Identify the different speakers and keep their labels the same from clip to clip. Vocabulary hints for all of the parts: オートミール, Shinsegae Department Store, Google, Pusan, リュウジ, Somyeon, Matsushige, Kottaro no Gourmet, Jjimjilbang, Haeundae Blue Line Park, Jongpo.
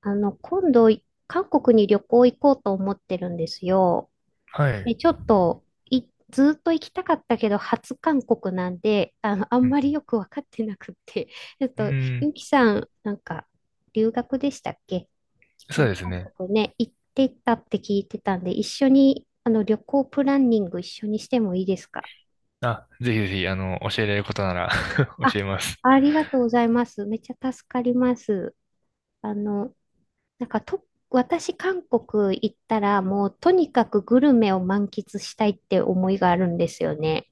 Speaker 1: 今度、韓国に旅行行こうと思ってるんですよ。
Speaker 2: は
Speaker 1: で、
Speaker 2: い。
Speaker 1: ちょっと、ずーっと行きたかったけど、初韓国なんで、あ
Speaker 2: う
Speaker 1: ん
Speaker 2: ん
Speaker 1: まりよくわかってなくって。ちょっ
Speaker 2: うん、う
Speaker 1: と、
Speaker 2: ーん、
Speaker 1: ゆきさん、なんか、留学でしたっけ？う
Speaker 2: そう
Speaker 1: ん、
Speaker 2: です
Speaker 1: 韓
Speaker 2: ね。
Speaker 1: 国ね、行ってたって聞いてたんで、一緒に、旅行プランニング一緒にしてもいいですか？
Speaker 2: あ、ぜひぜひ、教えられることなら
Speaker 1: あ、
Speaker 2: 教えます。
Speaker 1: ありがとうございます。めっちゃ助かります。あの、なんかと、私、韓国行ったら、もうとにかくグルメを満喫したいって思いがあるんですよね。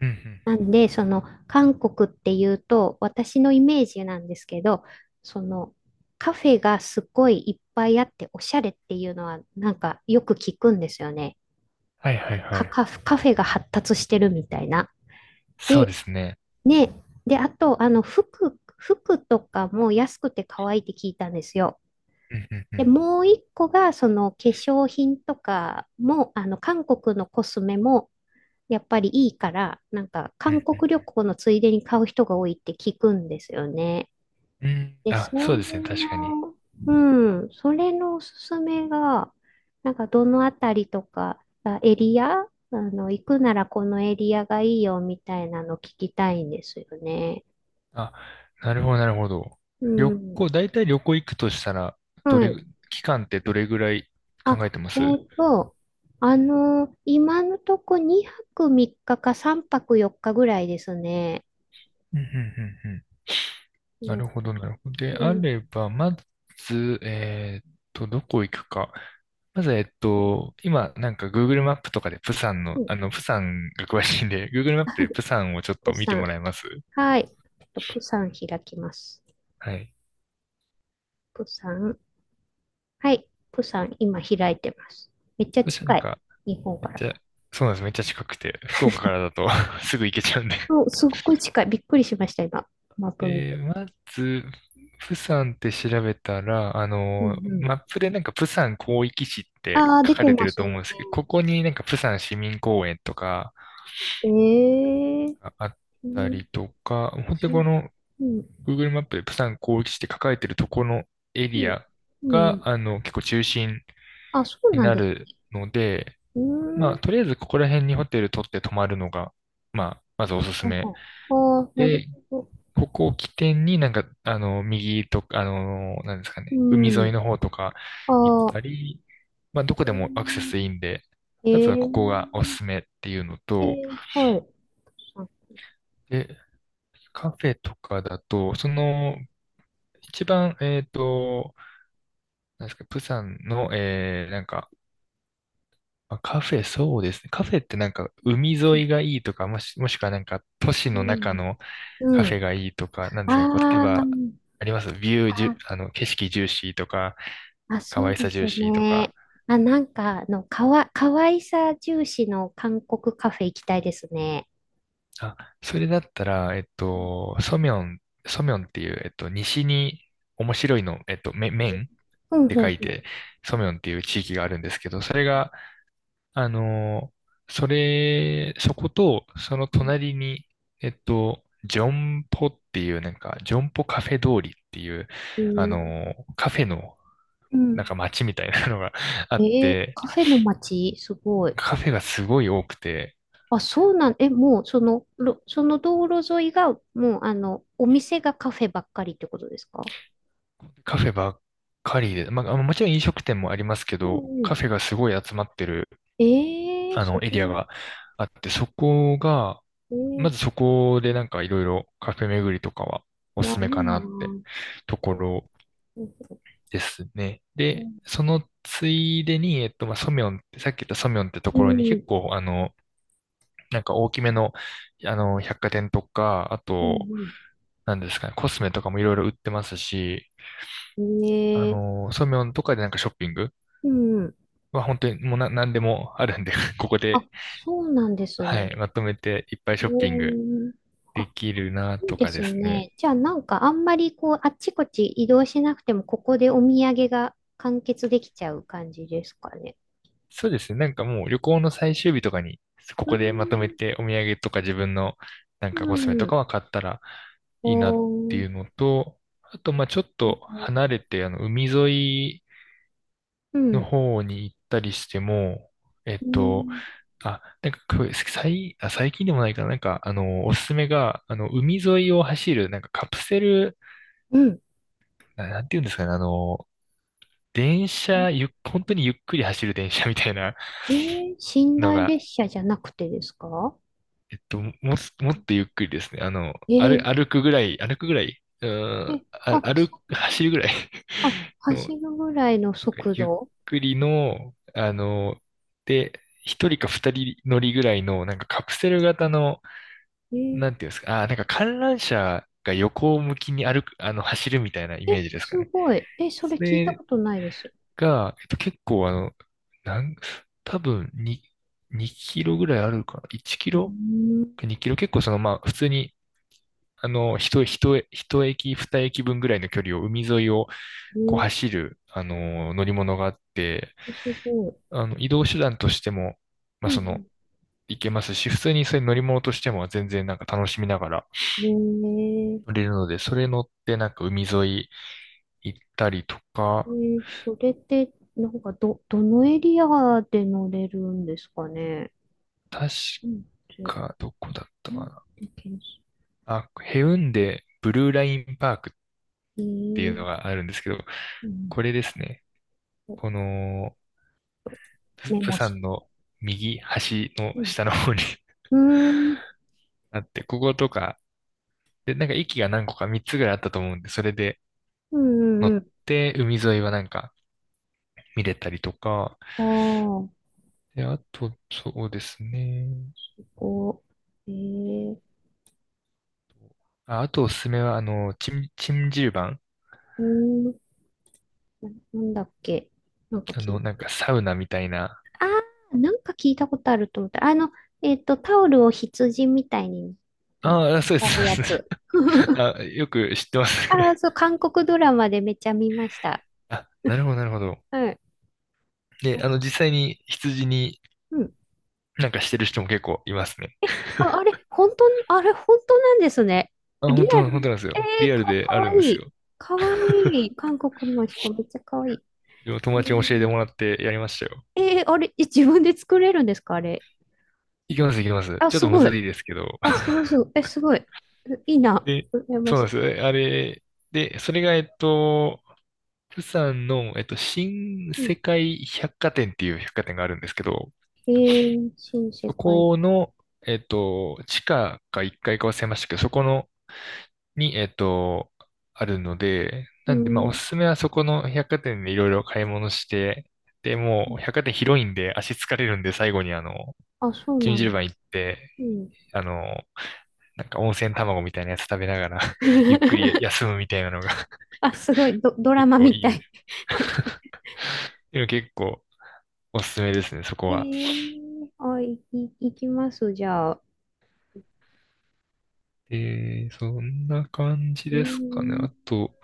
Speaker 2: うん、うん、うん。
Speaker 1: なんで、その、韓国っていうと、私のイメージなんですけど、その、カフェがすごいいっぱいあって、おしゃれっていうのは、なんかよく聞くんですよね。
Speaker 2: はい、はい、はい。
Speaker 1: カフェが発達してるみたいな。
Speaker 2: そうで
Speaker 1: で、
Speaker 2: すね。
Speaker 1: ね、で、あと、服とかも安くて可愛いって聞いたんですよ。
Speaker 2: うん、うん、う
Speaker 1: で、
Speaker 2: ん、
Speaker 1: もう一個が、その化粧品とかも、韓国のコスメも、やっぱりいいから、なんか、
Speaker 2: う
Speaker 1: 韓
Speaker 2: ん、うん。
Speaker 1: 国旅行のついでに買う人が多いって聞くんですよね。
Speaker 2: うん、
Speaker 1: で、そ
Speaker 2: あ、そうですね。
Speaker 1: れ
Speaker 2: 確かに。
Speaker 1: の、うん、それのおすすめが、なんか、どのあたりとか、あエリア、行くならこのエリアがいいよみたいなの聞きたいんですよね。
Speaker 2: あ、なるほど、なるほど。
Speaker 1: うん。
Speaker 2: 大体旅行行くとしたら、ど
Speaker 1: は
Speaker 2: れ
Speaker 1: い。
Speaker 2: ぐ、期間ってどれぐらい考え
Speaker 1: あ、
Speaker 2: てます？うん、
Speaker 1: 今のとこ2泊3日か3泊4日ぐらいですね。
Speaker 2: うん、うんうん、
Speaker 1: う
Speaker 2: なる
Speaker 1: ん、
Speaker 2: ほど、なるほど。で
Speaker 1: う
Speaker 2: あ
Speaker 1: ん、
Speaker 2: れば、まず、どこ行くか。まず、今、なんか Google マップとかで、
Speaker 1: うん、
Speaker 2: プサンが詳しいんで、Google マップでプサンをちょっ
Speaker 1: プ
Speaker 2: と見
Speaker 1: サ
Speaker 2: ても
Speaker 1: ン。
Speaker 2: らえます？
Speaker 1: はい。ちょっとプサン開きます。
Speaker 2: はい。
Speaker 1: プサン。はい。プサン、今開いてます。めっちゃ
Speaker 2: そしたらな
Speaker 1: 近
Speaker 2: ん
Speaker 1: い。
Speaker 2: か、
Speaker 1: 日本か
Speaker 2: めっ
Speaker 1: ら。
Speaker 2: ちゃ、そうなんです。めっちゃ近くて、福岡からだと すぐ行けちゃうんで。
Speaker 1: そう、すっごい近い。びっくりしました、今。マップ見
Speaker 2: で、
Speaker 1: て。
Speaker 2: まず、プサンって調べたら、
Speaker 1: うんう
Speaker 2: マ
Speaker 1: ん。
Speaker 2: ップでなんかプサン広域市って
Speaker 1: ああ、
Speaker 2: 書
Speaker 1: 出
Speaker 2: か
Speaker 1: て
Speaker 2: れて
Speaker 1: ま
Speaker 2: る
Speaker 1: す
Speaker 2: と
Speaker 1: ね。
Speaker 2: 思うんですけど、ここになんかプサン市民公園とか、
Speaker 1: ええ、
Speaker 2: があっ
Speaker 1: う
Speaker 2: た
Speaker 1: ん、
Speaker 2: りとか、本当にこ
Speaker 1: し
Speaker 2: の
Speaker 1: うん、
Speaker 2: Google マップでプサン広域市って書かれてるとこのエ
Speaker 1: う
Speaker 2: リ
Speaker 1: ん、
Speaker 2: ア
Speaker 1: うん。
Speaker 2: が、結構中心
Speaker 1: あ、そう
Speaker 2: に
Speaker 1: なん
Speaker 2: な
Speaker 1: です
Speaker 2: る
Speaker 1: ね。
Speaker 2: ので、
Speaker 1: う
Speaker 2: ま
Speaker 1: ー
Speaker 2: あ、
Speaker 1: ん。
Speaker 2: とりあえずここら辺にホテル取って泊まるのが、まあ、まずおすす
Speaker 1: ほう
Speaker 2: め。
Speaker 1: ほう。ああ、なる
Speaker 2: で、
Speaker 1: ほど。
Speaker 2: ここを起点になんか、右とか、なんですかね、海
Speaker 1: うん。
Speaker 2: 沿いの方とか行っ
Speaker 1: ああ、
Speaker 2: たり、まあ、どこでもアクセスいいんで、まずは
Speaker 1: え
Speaker 2: ここがおす
Speaker 1: え、
Speaker 2: すめっていうの
Speaker 1: え
Speaker 2: と、
Speaker 1: え、はい。
Speaker 2: で、カフェとかだと、その一番、なんですか、プサンの、なんか、まあカフェ、そうですね。カフェってなんか、海沿いがいいとか、もしくはなんか、都市
Speaker 1: う
Speaker 2: の中
Speaker 1: ん。
Speaker 2: のカ
Speaker 1: う
Speaker 2: フェ
Speaker 1: ん。
Speaker 2: がいいとか、なんですかね、こう例え
Speaker 1: ああ、
Speaker 2: ば、ありますビューじゅ、
Speaker 1: あ、
Speaker 2: あの、景色重視とか、
Speaker 1: あ、
Speaker 2: 可
Speaker 1: そう
Speaker 2: 愛
Speaker 1: で
Speaker 2: さ重
Speaker 1: す
Speaker 2: 視と
Speaker 1: ね。
Speaker 2: か。
Speaker 1: あ、なんか、かわいさ重視の韓国カフェ行きたいですね。
Speaker 2: あ、それだったら、ソミョンっていう、西に面白いの、面っ
Speaker 1: うん、
Speaker 2: て
Speaker 1: う
Speaker 2: 書
Speaker 1: ん、
Speaker 2: い
Speaker 1: うん。
Speaker 2: て、ソミョンっていう地域があるんですけど、それが、あのそこと、その隣に、ジョンポっていう、なんか、ジョンポカフェ通りっていう、
Speaker 1: う
Speaker 2: あ
Speaker 1: ん。
Speaker 2: のカフェの、
Speaker 1: う
Speaker 2: なん
Speaker 1: ん。
Speaker 2: か街みたいなのが あって、
Speaker 1: カフェの街、すごい。
Speaker 2: カフェがすごい多くて、
Speaker 1: あ、そうなん、え、もう、その道路沿いが、もう、お店がカフェばっかりってことですか？
Speaker 2: カフェばっかりで、まあ、もちろん飲食店もありますけ
Speaker 1: う
Speaker 2: ど、
Speaker 1: んうん。
Speaker 2: カフェがすごい集まってる、
Speaker 1: ええー、す
Speaker 2: エリア
Speaker 1: ご
Speaker 2: があって、そこが、
Speaker 1: い。
Speaker 2: まずそこでなんかいろいろカフェ巡りとかはおす
Speaker 1: わ、
Speaker 2: す
Speaker 1: いい
Speaker 2: めか
Speaker 1: な
Speaker 2: なって
Speaker 1: ぁ。
Speaker 2: ところ
Speaker 1: うん
Speaker 2: ですね。で、そのついでに、まあ、ソミョンって、さっき言ったソミョンってと
Speaker 1: う
Speaker 2: ころに
Speaker 1: ん。
Speaker 2: 結構、なんか大きめの、百貨店とか、あ
Speaker 1: う
Speaker 2: と、
Speaker 1: ん
Speaker 2: なんですかね、コスメとかもいろいろ売ってますし、
Speaker 1: うん、ええ、
Speaker 2: ソミョンとかでなんかショッピング
Speaker 1: うん。
Speaker 2: は本当にもうなでもあるんで ここ
Speaker 1: あ、
Speaker 2: で、
Speaker 1: そうなんです
Speaker 2: はい、
Speaker 1: ね。
Speaker 2: まとめていっぱい
Speaker 1: え
Speaker 2: ショッピング
Speaker 1: え、
Speaker 2: で
Speaker 1: あ、
Speaker 2: きるな
Speaker 1: いい
Speaker 2: と
Speaker 1: で
Speaker 2: かで
Speaker 1: す
Speaker 2: すね。
Speaker 1: ね。じゃあ、なんか、あんまり、こう、あっちこっち移動しなくても、ここでお土産が完結できちゃう感じですかね。
Speaker 2: そうですね。なんかもう旅行の最終日とかに、こ
Speaker 1: う
Speaker 2: こでまとめ
Speaker 1: ん
Speaker 2: てお土産とか自分のなん
Speaker 1: う
Speaker 2: かコスメとか
Speaker 1: ん。
Speaker 2: は買ったら
Speaker 1: お
Speaker 2: いいなって
Speaker 1: ー、
Speaker 2: いうのと、あと、まあちょっと離れて、海沿い
Speaker 1: う
Speaker 2: の
Speaker 1: ん。
Speaker 2: 方に行ったりしても、えっ
Speaker 1: う
Speaker 2: と、
Speaker 1: ん。
Speaker 2: なんかこれ、最近でもないかな、なんか、おすすめが、海沿いを走る、なんかカプセル、
Speaker 1: うん。
Speaker 2: なんていうんですかね、あの、電車、ゆっ、本当にゆっくり走る電車みたいな
Speaker 1: えー、寝
Speaker 2: の
Speaker 1: 台
Speaker 2: が
Speaker 1: 列車じゃなくてですか？
Speaker 2: もっとゆっくりですね。
Speaker 1: え
Speaker 2: 歩、
Speaker 1: ー、
Speaker 2: 歩くぐらい、歩くぐらい、
Speaker 1: え、あ、
Speaker 2: 走るぐらい の、
Speaker 1: 走るぐらいの
Speaker 2: なんか
Speaker 1: 速
Speaker 2: ゆっ
Speaker 1: 度。
Speaker 2: くりの、で、一人か二人乗りぐらいの、なんかカプセル型の、
Speaker 1: えー、
Speaker 2: なんていうんですか、なんか観覧車が横向きに歩く、あの、走るみたいなイメ
Speaker 1: え、
Speaker 2: ージですか
Speaker 1: す
Speaker 2: ね。
Speaker 1: ごい。え、それ
Speaker 2: そ
Speaker 1: 聞いた
Speaker 2: れ
Speaker 1: ことないです。
Speaker 2: が、結構なん、多分2キロぐらいあるかな ?1 キ
Speaker 1: うー
Speaker 2: ロ
Speaker 1: ん、
Speaker 2: ?2 キロ結構まあ普通に一駅、二駅分ぐらいの距離を海沿いを
Speaker 1: え
Speaker 2: こう
Speaker 1: ー、
Speaker 2: 走る、乗り物があって、
Speaker 1: すごい。
Speaker 2: 移動手段としても、ま
Speaker 1: う
Speaker 2: あ、
Speaker 1: ん
Speaker 2: 行けますし、普通にそれ乗り物としても全然なんか楽しみながら
Speaker 1: うん、
Speaker 2: 乗れるので、それ乗ってなんか海沿い行ったりと
Speaker 1: え
Speaker 2: か、
Speaker 1: それって、なんか、どのエリアで乗れるんですかね？
Speaker 2: 確
Speaker 1: うん、で、
Speaker 2: かどこだった
Speaker 1: う
Speaker 2: か
Speaker 1: ん、
Speaker 2: な。
Speaker 1: で検索。
Speaker 2: あ、ヘウンデブルーラインパークっ
Speaker 1: え
Speaker 2: ていうの
Speaker 1: ー
Speaker 2: があるんですけど、
Speaker 1: うん。
Speaker 2: これですね。
Speaker 1: えっと、
Speaker 2: この、
Speaker 1: メ
Speaker 2: プ
Speaker 1: モ
Speaker 2: サ
Speaker 1: し、
Speaker 2: ンの右端の
Speaker 1: うん。
Speaker 2: 下の方に
Speaker 1: うーん。
Speaker 2: あって、こことか、で、なんか駅が何個か3つぐらいあったと思うんで、それで
Speaker 1: う
Speaker 2: 乗
Speaker 1: んうん
Speaker 2: っ
Speaker 1: う
Speaker 2: て海沿いはなんか見れたりとか、
Speaker 1: ん。ああ、こ
Speaker 2: で、あと、そうですね。
Speaker 1: うえー、
Speaker 2: あ、あとおすすめは、チンジルバン。
Speaker 1: うーん、なんだっけ。なんかき、
Speaker 2: なんかサウナみたいな。
Speaker 1: ああ、なんか聞いたことあると思った。タオルを羊みたいに、あ、
Speaker 2: ああ、そうです、
Speaker 1: やるや
Speaker 2: そうです。
Speaker 1: つ。
Speaker 2: あ、よく知ってます。
Speaker 1: ああ、そう、韓国ドラマでめっちゃ見ました。
Speaker 2: あ、なるほど、なるほど。
Speaker 1: はい。あ、
Speaker 2: で、実際に羊に
Speaker 1: うん。
Speaker 2: なんかしてる人も結構いますね。
Speaker 1: えあ、あれ、本当なんですね。
Speaker 2: あ、本
Speaker 1: リア
Speaker 2: 当、本当
Speaker 1: ル。
Speaker 2: なんですよ。
Speaker 1: え
Speaker 2: リ
Speaker 1: ー、
Speaker 2: アルで
Speaker 1: か
Speaker 2: あ
Speaker 1: わ
Speaker 2: るん
Speaker 1: い
Speaker 2: です
Speaker 1: い。
Speaker 2: よ。
Speaker 1: かわいい。韓国の人、めっちゃかわいい。
Speaker 2: でも友
Speaker 1: え
Speaker 2: 達に教え
Speaker 1: ー
Speaker 2: てもらってやりましたよ。
Speaker 1: あれ、え、自分で作れるんですか、あれ？
Speaker 2: いきます、いきます。
Speaker 1: あ、
Speaker 2: ちょっ
Speaker 1: す
Speaker 2: とむ
Speaker 1: ご
Speaker 2: ず
Speaker 1: い。
Speaker 2: いですけど。
Speaker 1: あ、すごい、すごい。え、すごい。いいな。
Speaker 2: で、
Speaker 1: うやま
Speaker 2: そうな
Speaker 1: し
Speaker 2: んで
Speaker 1: い。
Speaker 2: すよ。えあれ、で、それが、釜山の、新
Speaker 1: うん。
Speaker 2: 世界百貨店っていう百貨店があるんですけど、
Speaker 1: えー、新世
Speaker 2: そ
Speaker 1: 界。
Speaker 2: この、地下か1階かいか忘れましたけど、そこの、に、あるので、
Speaker 1: う
Speaker 2: なんで、まあ、お
Speaker 1: ん。
Speaker 2: すすめはそこの百貨店でいろいろ買い物して、で、
Speaker 1: う
Speaker 2: もう、
Speaker 1: ん、
Speaker 2: 百貨店広いんで、足疲れるんで、最後に、
Speaker 1: あ、そう
Speaker 2: チン
Speaker 1: な
Speaker 2: ジル
Speaker 1: の。
Speaker 2: バン行って、
Speaker 1: うん。
Speaker 2: あの、なんか温泉卵みたいなやつ食べながら ゆっくり休 むみたいなのが
Speaker 1: あ、すごい。ドラ
Speaker 2: 結
Speaker 1: マ
Speaker 2: 構
Speaker 1: み
Speaker 2: いい
Speaker 1: た
Speaker 2: です
Speaker 1: い。
Speaker 2: ね。いや、結構おすすめですね、そ こ
Speaker 1: え
Speaker 2: は。
Speaker 1: ー、あ、いきます、じゃあ。
Speaker 2: そんな感じ
Speaker 1: うー
Speaker 2: ですかね。
Speaker 1: ん、
Speaker 2: あと、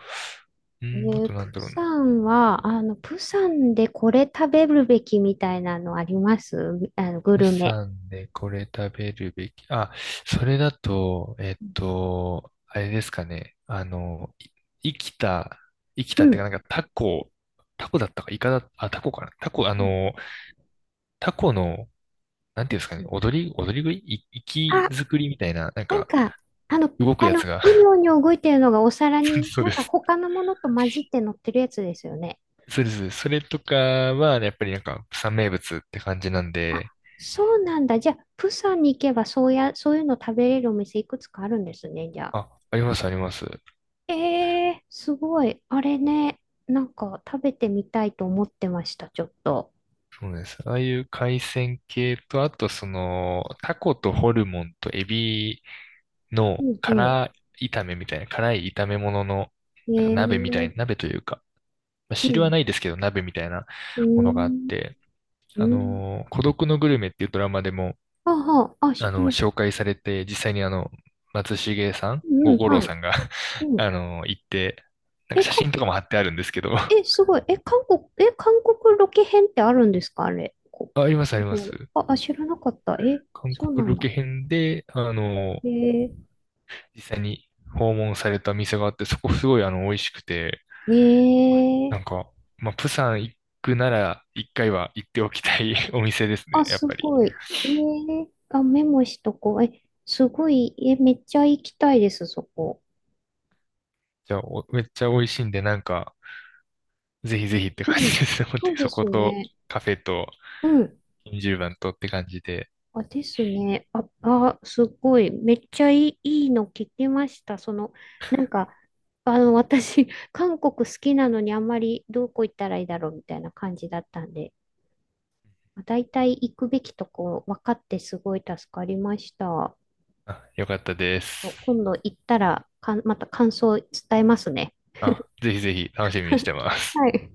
Speaker 2: うん、あとなんだろうな。
Speaker 1: プサンでこれ食べるべきみたいなのあります？グ
Speaker 2: 釜
Speaker 1: ルメ。
Speaker 2: 山でこれ食べるべき。あ、それだと、
Speaker 1: うん。
Speaker 2: あれですかね。生きた、生き
Speaker 1: う
Speaker 2: たっていう
Speaker 1: ん
Speaker 2: か、なんかタコ、タコだったか、イカだ、あ、タコかな。タコ、タコの、なんていうんですか
Speaker 1: う
Speaker 2: ね、
Speaker 1: ん、
Speaker 2: 踊り食い、活き
Speaker 1: あ、
Speaker 2: 作りみたいな、なん
Speaker 1: なん
Speaker 2: か、
Speaker 1: か、あの、
Speaker 2: 動くやつが、
Speaker 1: うにょうにょ動いてるのがお皿 に、
Speaker 2: そう
Speaker 1: なん
Speaker 2: で
Speaker 1: か
Speaker 2: す。
Speaker 1: 他のものと混じって乗ってるやつですよね。
Speaker 2: そうです。それとかは、やっぱりなんか、釜山名物って感じなんで、
Speaker 1: そうなんだ。じゃあ、プサンに行けば、そうや、そういうの食べれるお店いくつかあるんですね、じゃあ。
Speaker 2: あ、あります、あります。
Speaker 1: えー、すごい。あれね、なんか食べてみたいと思ってました、ちょっと。
Speaker 2: そうです。ああいう海鮮系と、あとその、タコとホルモンとエビの
Speaker 1: うんう
Speaker 2: 辛炒めみたいな、辛い炒め物の、
Speaker 1: ん。
Speaker 2: なんか鍋みたいな、鍋というか、まあ、
Speaker 1: う
Speaker 2: 汁は
Speaker 1: ん、
Speaker 2: ないですけど、鍋みたいな
Speaker 1: うー
Speaker 2: ものがあっ
Speaker 1: ん。
Speaker 2: て、
Speaker 1: うん。
Speaker 2: 孤独のグルメっていうドラマでも、
Speaker 1: はあ、はあ、あ、知ってます。
Speaker 2: 紹介されて、実際に松重さん、
Speaker 1: うんうん、
Speaker 2: 五郎
Speaker 1: はい。
Speaker 2: さんが
Speaker 1: うん。
Speaker 2: 行って、なんか
Speaker 1: え、
Speaker 2: 写真とかも貼ってあるんですけど あ、
Speaker 1: え、すごい。え、韓国ロケ編ってあるんですかあれ？
Speaker 2: あります、
Speaker 1: こ
Speaker 2: あ
Speaker 1: れ
Speaker 2: り
Speaker 1: こ
Speaker 2: ます。
Speaker 1: れ、あ、あ、知らなかった。え、
Speaker 2: 韓
Speaker 1: そうな
Speaker 2: 国
Speaker 1: ん
Speaker 2: ロケ
Speaker 1: だ。
Speaker 2: 編で、
Speaker 1: えー、
Speaker 2: 実際に訪問された店があって、そこすごい美味しくて、
Speaker 1: ねえ、
Speaker 2: なんか、まあ、プサン行くなら、一回は行っておきたい お店です
Speaker 1: あ、
Speaker 2: ね、やっ
Speaker 1: す
Speaker 2: ぱり。
Speaker 1: ごい。えー、あ、メモしとこう。え、すごい。え、めっちゃ行きたいです、そこ。
Speaker 2: じゃあ、おめっちゃ美味しいんで、なんか、ぜひぜひって
Speaker 1: う
Speaker 2: 感
Speaker 1: ん。
Speaker 2: じですね。本当
Speaker 1: そ
Speaker 2: に
Speaker 1: うで
Speaker 2: そこ
Speaker 1: す
Speaker 2: と、
Speaker 1: ね。
Speaker 2: カフェと、
Speaker 1: うん。
Speaker 2: 金十番とって感じで、
Speaker 1: あ、ですね。あ、あ、すごい。めっちゃいいの聞きました。なんか、私、韓国好きなのにあんまりどこ行ったらいいだろうみたいな感じだったんで、まあ大体行くべきとこ分かってすごい助かりました。
Speaker 2: あ、よかったです。
Speaker 1: 今度行ったらまた感想伝えますね。
Speaker 2: あ、ぜひぜひ楽しみにしてます。
Speaker 1: はい。